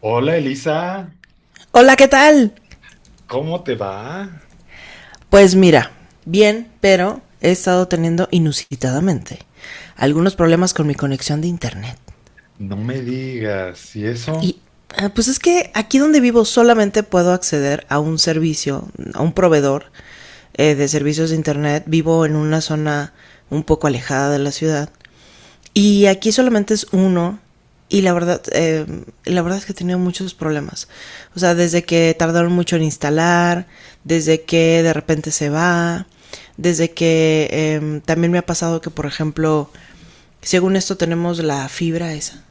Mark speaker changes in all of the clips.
Speaker 1: Hola Elisa,
Speaker 2: Hola, ¿qué tal?
Speaker 1: ¿cómo te va?
Speaker 2: Pues mira, bien, pero he estado teniendo inusitadamente algunos problemas con mi conexión de internet.
Speaker 1: No me digas, ¿y eso?
Speaker 2: Y pues es que aquí donde vivo solamente puedo acceder a un servicio, a un proveedor de servicios de internet. Vivo en una zona un poco alejada de la ciudad. Y aquí solamente es uno, y la verdad es que he tenido muchos problemas. O sea, desde que tardaron mucho en instalar, desde que de repente se va, desde que también me ha pasado que, por ejemplo, según esto tenemos la fibra esa,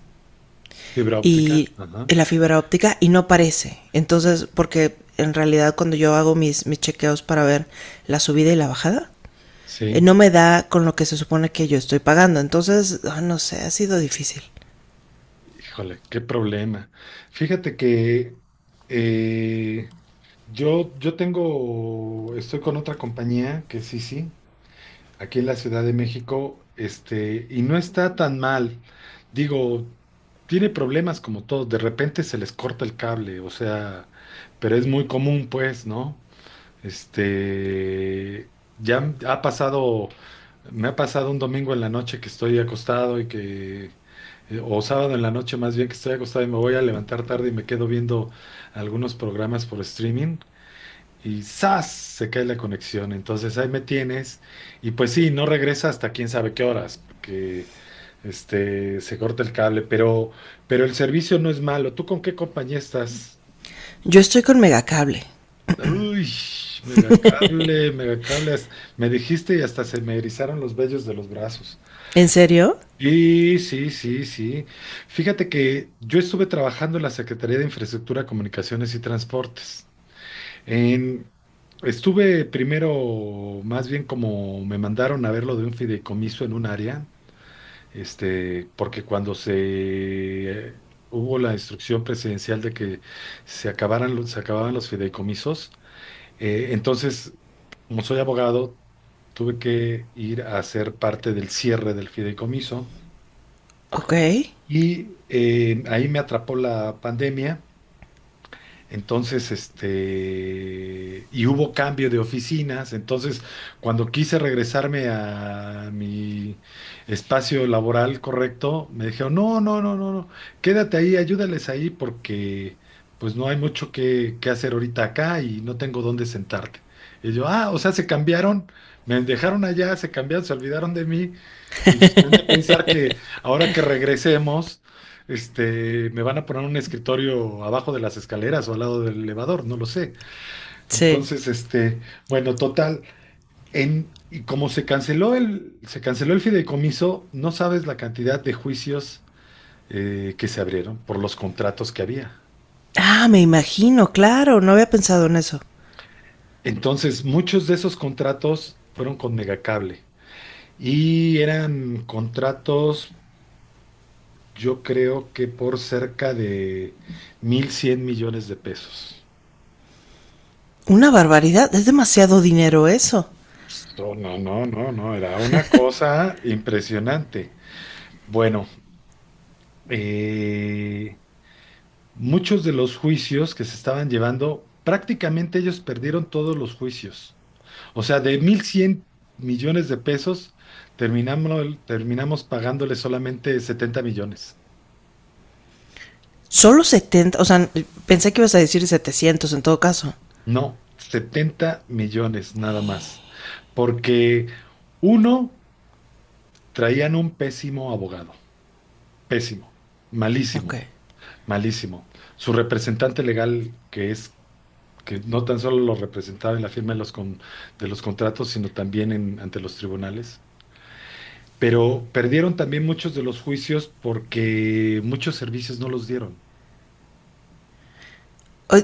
Speaker 1: ¿Fibra óptica?
Speaker 2: y
Speaker 1: Ajá,
Speaker 2: la fibra óptica y no aparece. Entonces, porque en realidad cuando yo hago mis chequeos para ver la subida y la bajada,
Speaker 1: sí.
Speaker 2: no me da con lo que se supone que yo estoy pagando. Entonces, no sé, ha sido difícil.
Speaker 1: Híjole, qué problema. Fíjate que eh, yo tengo, estoy con otra compañía que sí, sí, aquí en la Ciudad de México, y no está tan mal. Digo, tiene problemas como todos, de repente se les corta el cable, o sea, pero es muy común, pues, ¿no? Ya ha pasado, me ha pasado un domingo en la noche que estoy acostado y que, o sábado en la noche más bien que estoy acostado y me voy a levantar tarde y me quedo viendo algunos programas por streaming y ¡zas! Se cae la conexión. Entonces ahí me tienes y pues sí, no regresa hasta quién sabe qué horas porque se corta el cable, pero el servicio no es malo. ¿Tú con qué compañía estás?
Speaker 2: Yo estoy con Megacable.
Speaker 1: Uy, megacable, megacables. Me dijiste y hasta se me erizaron los vellos de los brazos.
Speaker 2: ¿En serio?
Speaker 1: Sí, sí, sí, sí. Fíjate que yo estuve trabajando en la Secretaría de Infraestructura, Comunicaciones y Transportes. En- Estuve primero, más bien como me mandaron a ver lo de un fideicomiso en un área, porque cuando se hubo la instrucción presidencial de que se acabaran, se acababan los fideicomisos, entonces, como soy abogado, tuve que ir a ser parte del cierre del fideicomiso
Speaker 2: Ok.
Speaker 1: y ahí me atrapó la pandemia. Entonces, y hubo cambio de oficinas. Entonces, cuando quise regresarme a mi espacio laboral correcto, me dijeron, no, no, no, no, no, quédate ahí, ayúdales ahí porque pues no hay mucho que hacer ahorita acá y no tengo dónde sentarte. Y yo, ah, o sea, se cambiaron, me dejaron allá, se cambiaron, se olvidaron de mí y justamente pensar que ahora que regresemos, me van a poner un escritorio abajo de las escaleras o al lado del elevador, no lo sé.
Speaker 2: Sí.
Speaker 1: Entonces, bueno, total, y como se canceló el fideicomiso, no sabes la cantidad de juicios que se abrieron por los contratos que había.
Speaker 2: Ah, me imagino, claro, no había pensado en eso.
Speaker 1: Entonces, muchos de esos contratos fueron con Megacable y eran contratos. Yo creo que por cerca de 1,100 millones de pesos.
Speaker 2: Una barbaridad, es demasiado dinero eso.
Speaker 1: No, no, no, no, no, era una cosa impresionante. Bueno, eh, muchos de los juicios que se estaban llevando, prácticamente ellos perdieron todos los juicios. O sea, de 1,100 millones de pesos, terminamos pagándole solamente 70 millones.
Speaker 2: Solo 70. O sea, pensé que ibas a decir setecientos en todo caso.
Speaker 1: No, 70 millones nada más. Porque uno... Traían un pésimo abogado, pésimo,
Speaker 2: Ok.
Speaker 1: malísimo, malísimo. Su representante legal, que es que no tan solo lo representaba en la firma de los, de los contratos, sino también ante los tribunales. Pero perdieron también muchos de los juicios porque muchos servicios no los dieron.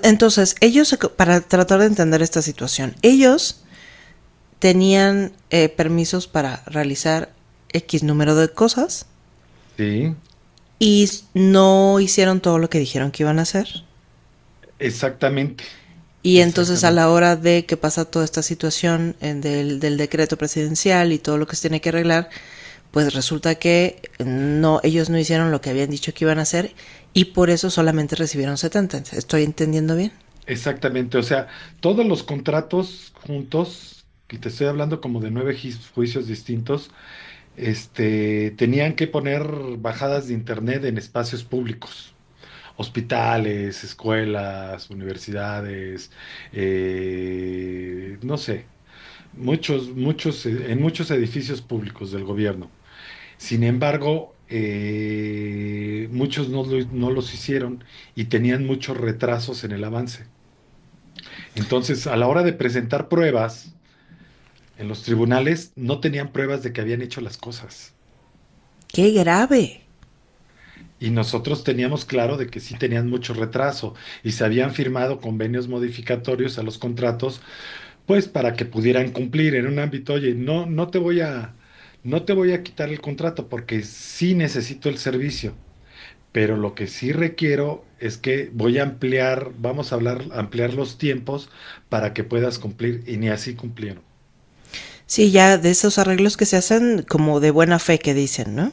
Speaker 2: Entonces, ellos, para tratar de entender esta situación, ellos tenían permisos para realizar X número de cosas,
Speaker 1: Sí,
Speaker 2: y no hicieron todo lo que dijeron que iban a hacer.
Speaker 1: exactamente,
Speaker 2: Y entonces a
Speaker 1: exactamente,
Speaker 2: la hora de que pasa toda esta situación del decreto presidencial y todo lo que se tiene que arreglar, pues resulta que no, ellos no hicieron lo que habían dicho que iban a hacer, y por eso solamente recibieron setenta. ¿Estoy entendiendo bien?
Speaker 1: exactamente. O sea, todos los contratos juntos, que te estoy hablando como de nueve juicios distintos, tenían que poner bajadas de internet en espacios públicos, hospitales, escuelas, universidades, no sé, muchos, muchos, en muchos edificios públicos del gobierno. Sin embargo, muchos no, no los hicieron y tenían muchos retrasos en el avance. Entonces, a la hora de presentar pruebas en los tribunales, no tenían pruebas de que habían hecho las cosas.
Speaker 2: ¡Qué grave!
Speaker 1: Y nosotros teníamos claro de que sí tenían mucho retraso y se habían firmado convenios modificatorios a los contratos, pues para que pudieran cumplir en un ámbito, oye, no, no te voy a, no te voy a quitar el contrato porque sí necesito el servicio, pero lo que sí requiero es que voy a ampliar, vamos a hablar, ampliar los tiempos para que puedas cumplir y ni así cumplieron.
Speaker 2: Sí, ya de esos arreglos que se hacen como de buena fe que dicen, ¿no?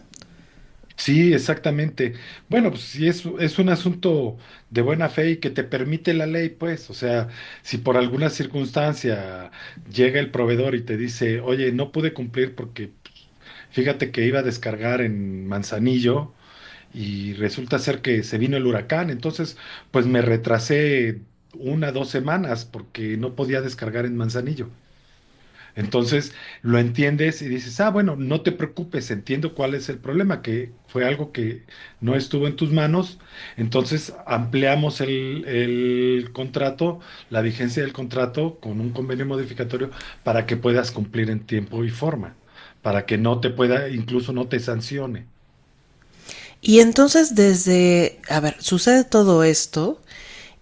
Speaker 1: Sí, exactamente. Bueno, pues sí, es un asunto de buena fe y que te permite la ley, pues, o sea, si por alguna circunstancia llega el proveedor y te dice, oye, no pude cumplir porque fíjate que iba a descargar en Manzanillo y resulta ser que se vino el huracán, entonces, pues me retrasé una, dos semanas porque no podía descargar en Manzanillo. Entonces lo entiendes y dices, ah, bueno, no te preocupes, entiendo cuál es el problema, que fue algo que no estuvo en tus manos. Entonces ampliamos el contrato, la vigencia del contrato con un convenio modificatorio para que puedas cumplir en tiempo y forma, para que no te pueda, incluso no te sancione.
Speaker 2: Y entonces desde, a ver, sucede todo esto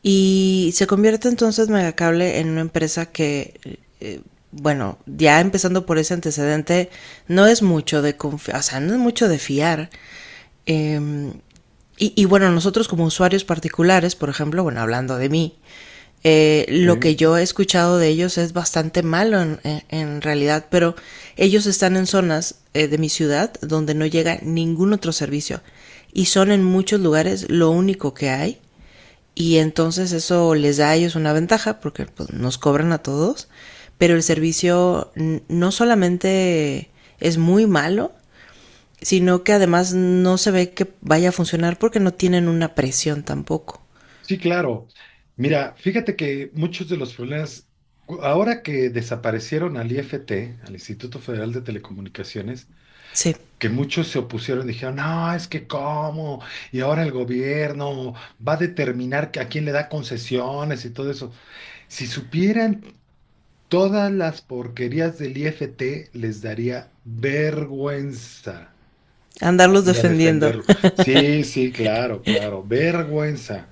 Speaker 2: y se convierte entonces Megacable en una empresa que, bueno, ya empezando por ese antecedente, no es mucho de confiar, o sea, no es mucho de fiar. Eh, y bueno, nosotros como usuarios particulares, por ejemplo, bueno, hablando de mí, lo que
Speaker 1: Sí,
Speaker 2: yo he escuchado de ellos es bastante malo en realidad, pero ellos están en zonas de mi ciudad donde no llega ningún otro servicio, y son en muchos lugares lo único que hay, y entonces eso les da a ellos una ventaja porque pues, nos cobran a todos, pero el servicio no solamente es muy malo, sino que además no se ve que vaya a funcionar porque no tienen una presión tampoco.
Speaker 1: sí, claro. Mira, fíjate que muchos de los problemas, ahora que desaparecieron al IFT, al Instituto Federal de Telecomunicaciones,
Speaker 2: Sí,
Speaker 1: que muchos se opusieron, dijeron, no, es que cómo, y ahora el gobierno va a determinar que a quién le da concesiones y todo eso. Si supieran todas las porquerías del IFT, les daría vergüenza
Speaker 2: andarlos
Speaker 1: salir a
Speaker 2: defendiendo.
Speaker 1: defenderlo. Sí, sí, claro, claro, vergüenza.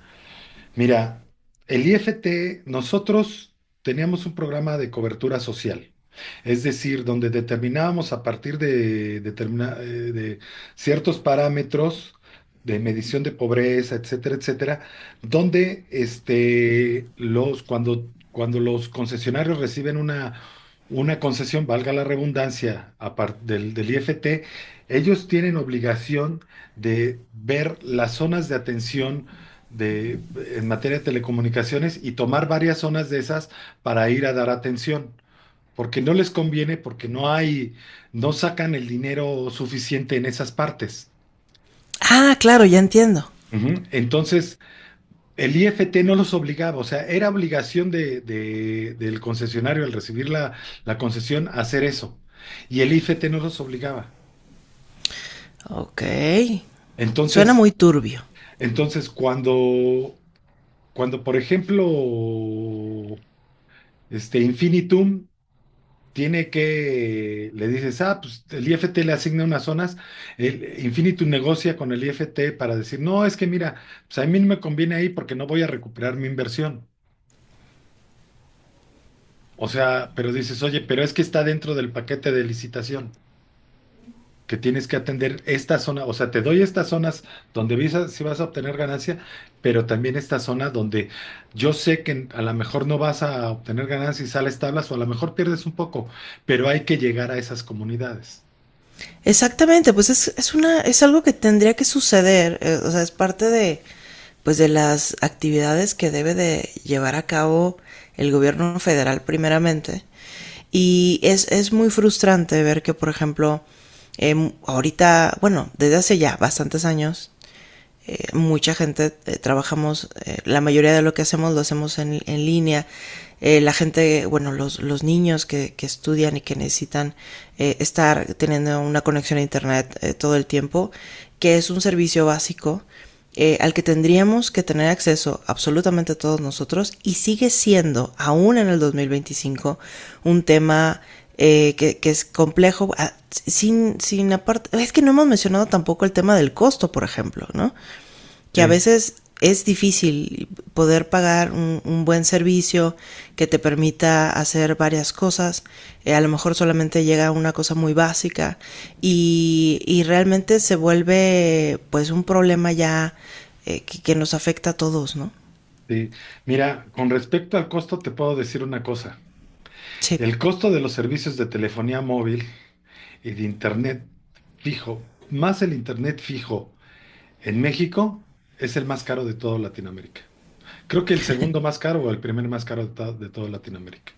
Speaker 1: Mira, el IFT, nosotros teníamos un programa de cobertura social, es decir, donde determinábamos a partir de, de ciertos parámetros de medición de pobreza, etcétera, etcétera, donde cuando los concesionarios reciben una concesión, valga la redundancia, aparte del IFT, ellos tienen obligación de ver las zonas de atención de, en materia de telecomunicaciones y tomar varias zonas de esas para ir a dar atención, porque no les conviene, porque no hay, no sacan el dinero suficiente en esas partes.
Speaker 2: Ah, claro, ya entiendo.
Speaker 1: Ujú. Entonces, el IFT no los obligaba, o sea, era obligación del concesionario al recibir la concesión hacer eso, y el IFT no los obligaba.
Speaker 2: Ok, suena
Speaker 1: Entonces,
Speaker 2: muy turbio.
Speaker 1: entonces cuando, cuando por ejemplo, este Infinitum tiene que, le dices, ah, pues el IFT le asigna unas zonas, el Infinitum negocia con el IFT para decir, no, es que mira, pues a mí no me conviene ahí porque no voy a recuperar mi inversión. O sea, pero dices, oye, pero es que está dentro del paquete de licitación, que tienes que atender esta zona, o sea, te doy estas zonas donde visas, si vas a obtener ganancia, pero también esta zona donde yo sé que a lo mejor no vas a obtener ganancia y sales tablas, o a lo mejor pierdes un poco, pero hay que llegar a esas comunidades.
Speaker 2: Exactamente, pues es una, es algo que tendría que suceder, o sea, es parte de, pues de las actividades que debe de llevar a cabo el gobierno federal primeramente. Y es muy frustrante ver que, por ejemplo, ahorita, bueno, desde hace ya bastantes años, mucha gente trabajamos, la mayoría de lo que hacemos lo hacemos en línea. La gente, bueno, los niños que, estudian y que necesitan estar teniendo una conexión a internet todo el tiempo, que es un servicio básico al que tendríamos que tener acceso absolutamente todos nosotros y sigue siendo, aún en el 2025, un tema que, es complejo. Ah, sin, sin aparte, es que no hemos mencionado tampoco el tema del costo, por ejemplo, ¿no? Que a
Speaker 1: Sí.
Speaker 2: veces es difícil poder pagar un, buen servicio que te permita hacer varias cosas. A lo mejor solamente llega una cosa muy básica y realmente se vuelve pues un problema ya que, nos afecta a todos, ¿no?
Speaker 1: Sí. Mira, con respecto al costo, te puedo decir una cosa.
Speaker 2: Sí.
Speaker 1: El costo de los servicios de telefonía móvil y de internet fijo, más el internet fijo en México, es el más caro de toda Latinoamérica. Creo que el segundo más caro o el primer más caro de, de toda Latinoamérica.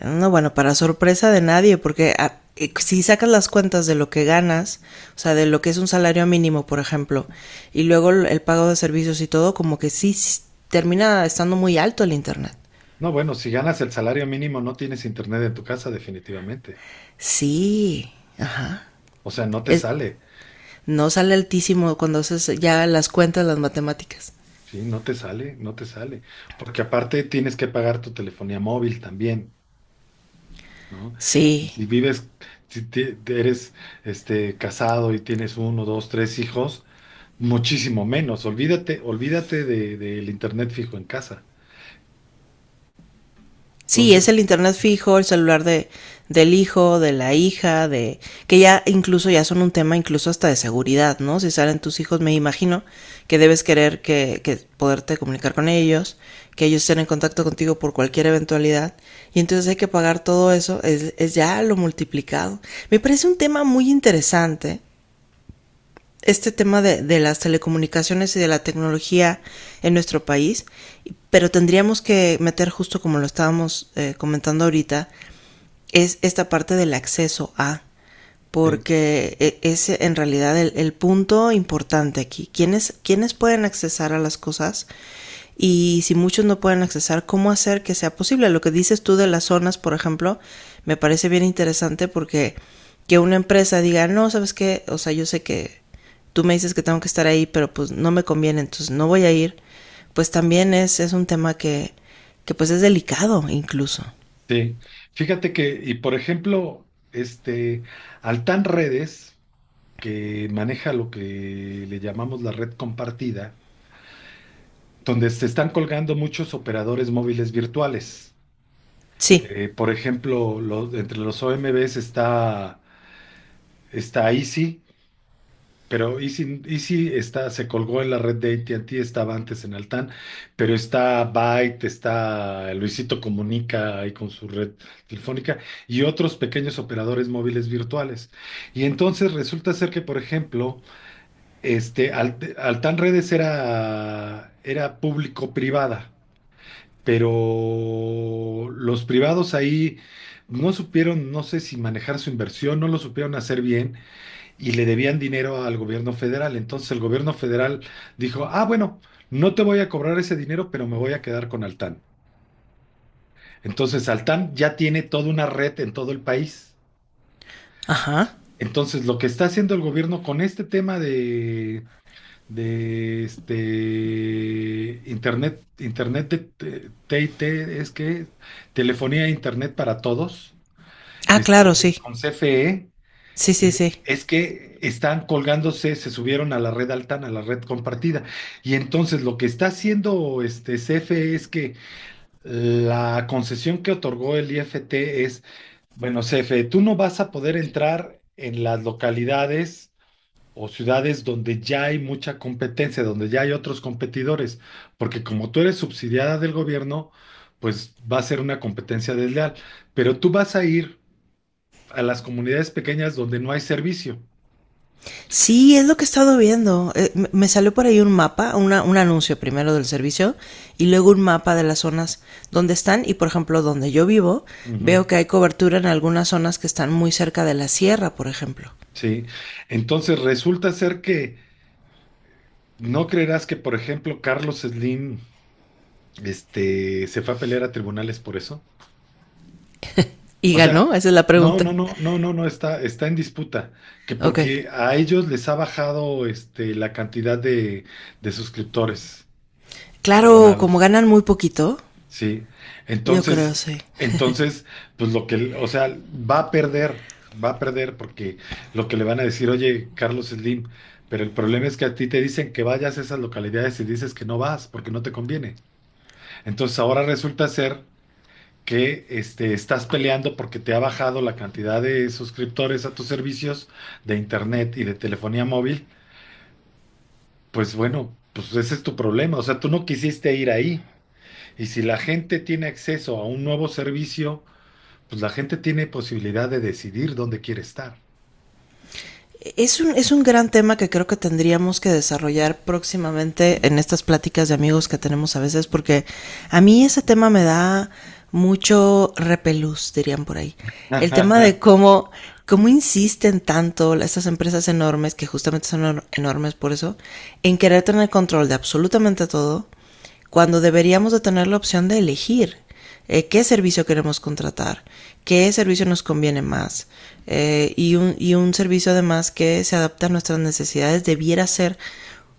Speaker 2: No, bueno, para sorpresa de nadie, porque si sacas las cuentas de lo que ganas, o sea, de lo que es un salario mínimo, por ejemplo, y luego el pago de servicios y todo, como que sí, sí, termina estando muy alto el internet.
Speaker 1: No, bueno, si ganas el salario mínimo, no tienes internet en tu casa, definitivamente.
Speaker 2: Sí, ajá.
Speaker 1: O sea, no te
Speaker 2: Es,
Speaker 1: sale.
Speaker 2: no sale altísimo cuando haces ya las cuentas, las matemáticas.
Speaker 1: Sí, no te sale, no te sale. Porque aparte tienes que pagar tu telefonía móvil también. ¿No? Y
Speaker 2: Sí.
Speaker 1: si vives, si te- te eres casado y tienes uno, dos, tres hijos, muchísimo menos. Olvídate, olvídate del internet fijo en casa.
Speaker 2: Sí, es
Speaker 1: Entonces,
Speaker 2: el internet fijo, el celular de, del hijo, de la hija, de que ya incluso ya son un tema incluso hasta de seguridad, ¿no? Si salen tus hijos, me imagino que debes querer que poderte comunicar con ellos, que ellos estén en contacto contigo por cualquier eventualidad, y entonces hay que pagar todo eso, es ya lo multiplicado. Me parece un tema muy interesante este tema de, las telecomunicaciones y de la tecnología en nuestro país, pero tendríamos que meter justo como lo estábamos comentando ahorita, es esta parte del acceso a,
Speaker 1: sí,
Speaker 2: porque es en realidad el punto importante aquí. ¿Quiénes pueden accesar a las cosas? Y si muchos no pueden accesar, ¿cómo hacer que sea posible? Lo que dices tú de las zonas, por ejemplo, me parece bien interesante, porque que una empresa diga, no, sabes qué, o sea, yo sé que tú me dices que tengo que estar ahí, pero pues no me conviene, entonces no voy a ir, pues también es un tema que pues es delicado incluso.
Speaker 1: sí. Fíjate que, y por ejemplo, Altán Redes, que maneja lo que le llamamos la red compartida, donde se están colgando muchos operadores móviles virtuales.
Speaker 2: Sí.
Speaker 1: Por ejemplo, entre los OMBs está Easy. Pero Easy está, se colgó en la red de AT&T, estaba antes en Altán, pero está Byte, está Luisito Comunica ahí con su red telefónica y otros pequeños operadores móviles virtuales. Y entonces resulta ser que, por ejemplo, Altán Redes era público-privada, pero los privados ahí no supieron, no sé si manejar su inversión, no lo supieron hacer bien y le debían dinero al gobierno federal. Entonces el gobierno federal dijo, ah, bueno, no te voy a cobrar ese dinero, pero me voy a quedar con Altán. Entonces Altán ya tiene toda una red en todo el país.
Speaker 2: Ajá.
Speaker 1: Entonces lo que está haciendo el gobierno con este tema de este internet de T es que telefonía e internet para todos,
Speaker 2: Ah, claro, sí.
Speaker 1: con CFE.
Speaker 2: Sí, sí, sí.
Speaker 1: Es que están colgándose, se subieron a la red Altán, a la red compartida. Y entonces lo que está haciendo este CFE es que la concesión que otorgó el IFT es, bueno, CFE, tú no vas a poder entrar en las localidades o ciudades donde ya hay mucha competencia, donde ya hay otros competidores, porque como tú eres subsidiada del gobierno, pues va a ser una competencia desleal. Pero tú vas a ir a las comunidades pequeñas donde no hay servicio.
Speaker 2: Sí, es lo que he estado viendo. Me salió por ahí un mapa, una- un anuncio primero del servicio, y luego un mapa de las zonas donde están, y por ejemplo donde yo vivo
Speaker 1: Ujú,
Speaker 2: veo que hay cobertura en algunas zonas que están muy cerca de la sierra, por ejemplo.
Speaker 1: sí, entonces resulta ser que no creerás que, por ejemplo, Carlos Slim, se fue a pelear a tribunales por eso.
Speaker 2: ¿Y
Speaker 1: O
Speaker 2: ganó?
Speaker 1: sea,
Speaker 2: Esa es la
Speaker 1: no,
Speaker 2: pregunta.
Speaker 1: no, no, no, no, no está, está en disputa, que
Speaker 2: Ok.
Speaker 1: porque a ellos les ha bajado, la cantidad de suscriptores, de
Speaker 2: Claro, como
Speaker 1: abonados.
Speaker 2: ganan muy poquito,
Speaker 1: Sí,
Speaker 2: yo creo
Speaker 1: entonces,
Speaker 2: sí.
Speaker 1: entonces, pues lo que, o sea, va a perder porque lo que le van a decir, oye, Carlos Slim, pero el problema es que a ti te dicen que vayas a esas localidades y dices que no vas porque no te conviene. Entonces ahora resulta ser que estás peleando porque te ha bajado la cantidad de suscriptores a tus servicios de internet y de telefonía móvil. Pues bueno, pues ese es tu problema, o sea, tú no quisiste ir ahí. Y si la gente tiene acceso a un nuevo servicio, pues la gente tiene posibilidad de decidir dónde quiere estar.
Speaker 2: Es un gran tema que creo que tendríamos que desarrollar próximamente en estas pláticas de amigos que tenemos a veces, porque a mí ese tema me da mucho repelús, dirían por ahí. El tema de cómo, cómo insisten tanto estas empresas enormes, que justamente son enormes por eso, en querer tener control de absolutamente todo, cuando deberíamos de tener la opción de elegir qué servicio queremos contratar, qué servicio nos conviene más. Y un servicio además que se adapta a nuestras necesidades debiera ser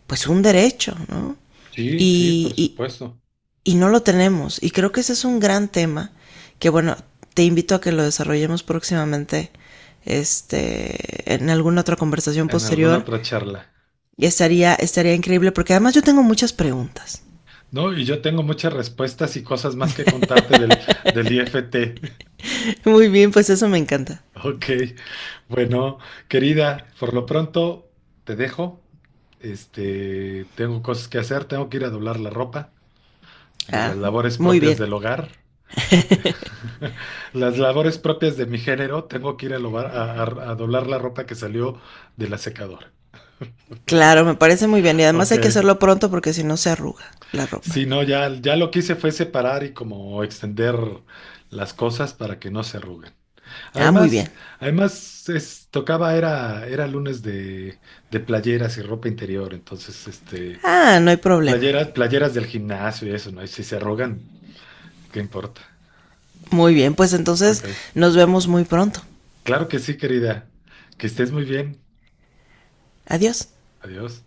Speaker 2: pues un derecho, ¿no?
Speaker 1: Sí, sí, por
Speaker 2: Y, y,
Speaker 1: supuesto.
Speaker 2: y no lo tenemos, y creo que ese es un gran tema que bueno, te invito a que lo desarrollemos próximamente este, en alguna otra conversación
Speaker 1: En alguna
Speaker 2: posterior.
Speaker 1: otra charla.
Speaker 2: Y estaría, estaría increíble porque además yo tengo muchas preguntas.
Speaker 1: No, y yo tengo muchas respuestas y cosas más que contarte del IFT.
Speaker 2: Muy bien, pues eso me encanta.
Speaker 1: Ok. Bueno, querida, por lo pronto te dejo. Tengo cosas que hacer, tengo que ir a doblar la ropa de
Speaker 2: Ah,
Speaker 1: las labores
Speaker 2: muy bien.
Speaker 1: propias del hogar. Las labores propias de mi género, tengo que ir a, lobar- a doblar la ropa que salió de la secadora.
Speaker 2: Claro, me parece muy bien. Y además
Speaker 1: Ok.
Speaker 2: hay que hacerlo pronto porque si no se arruga la ropa.
Speaker 1: Sí, no, ya, ya lo que hice fue separar y como extender las cosas para que no se arruguen.
Speaker 2: Ah, muy bien.
Speaker 1: Además, además tocaba, era lunes de playeras y ropa interior, entonces,
Speaker 2: Ah, no hay problema.
Speaker 1: playeras, playeras del gimnasio y eso, ¿no? Y si se arrugan, ¿qué importa?
Speaker 2: Muy bien, pues entonces
Speaker 1: Ok.
Speaker 2: nos vemos muy pronto.
Speaker 1: Claro que sí, querida. Que estés muy bien.
Speaker 2: Adiós.
Speaker 1: Adiós.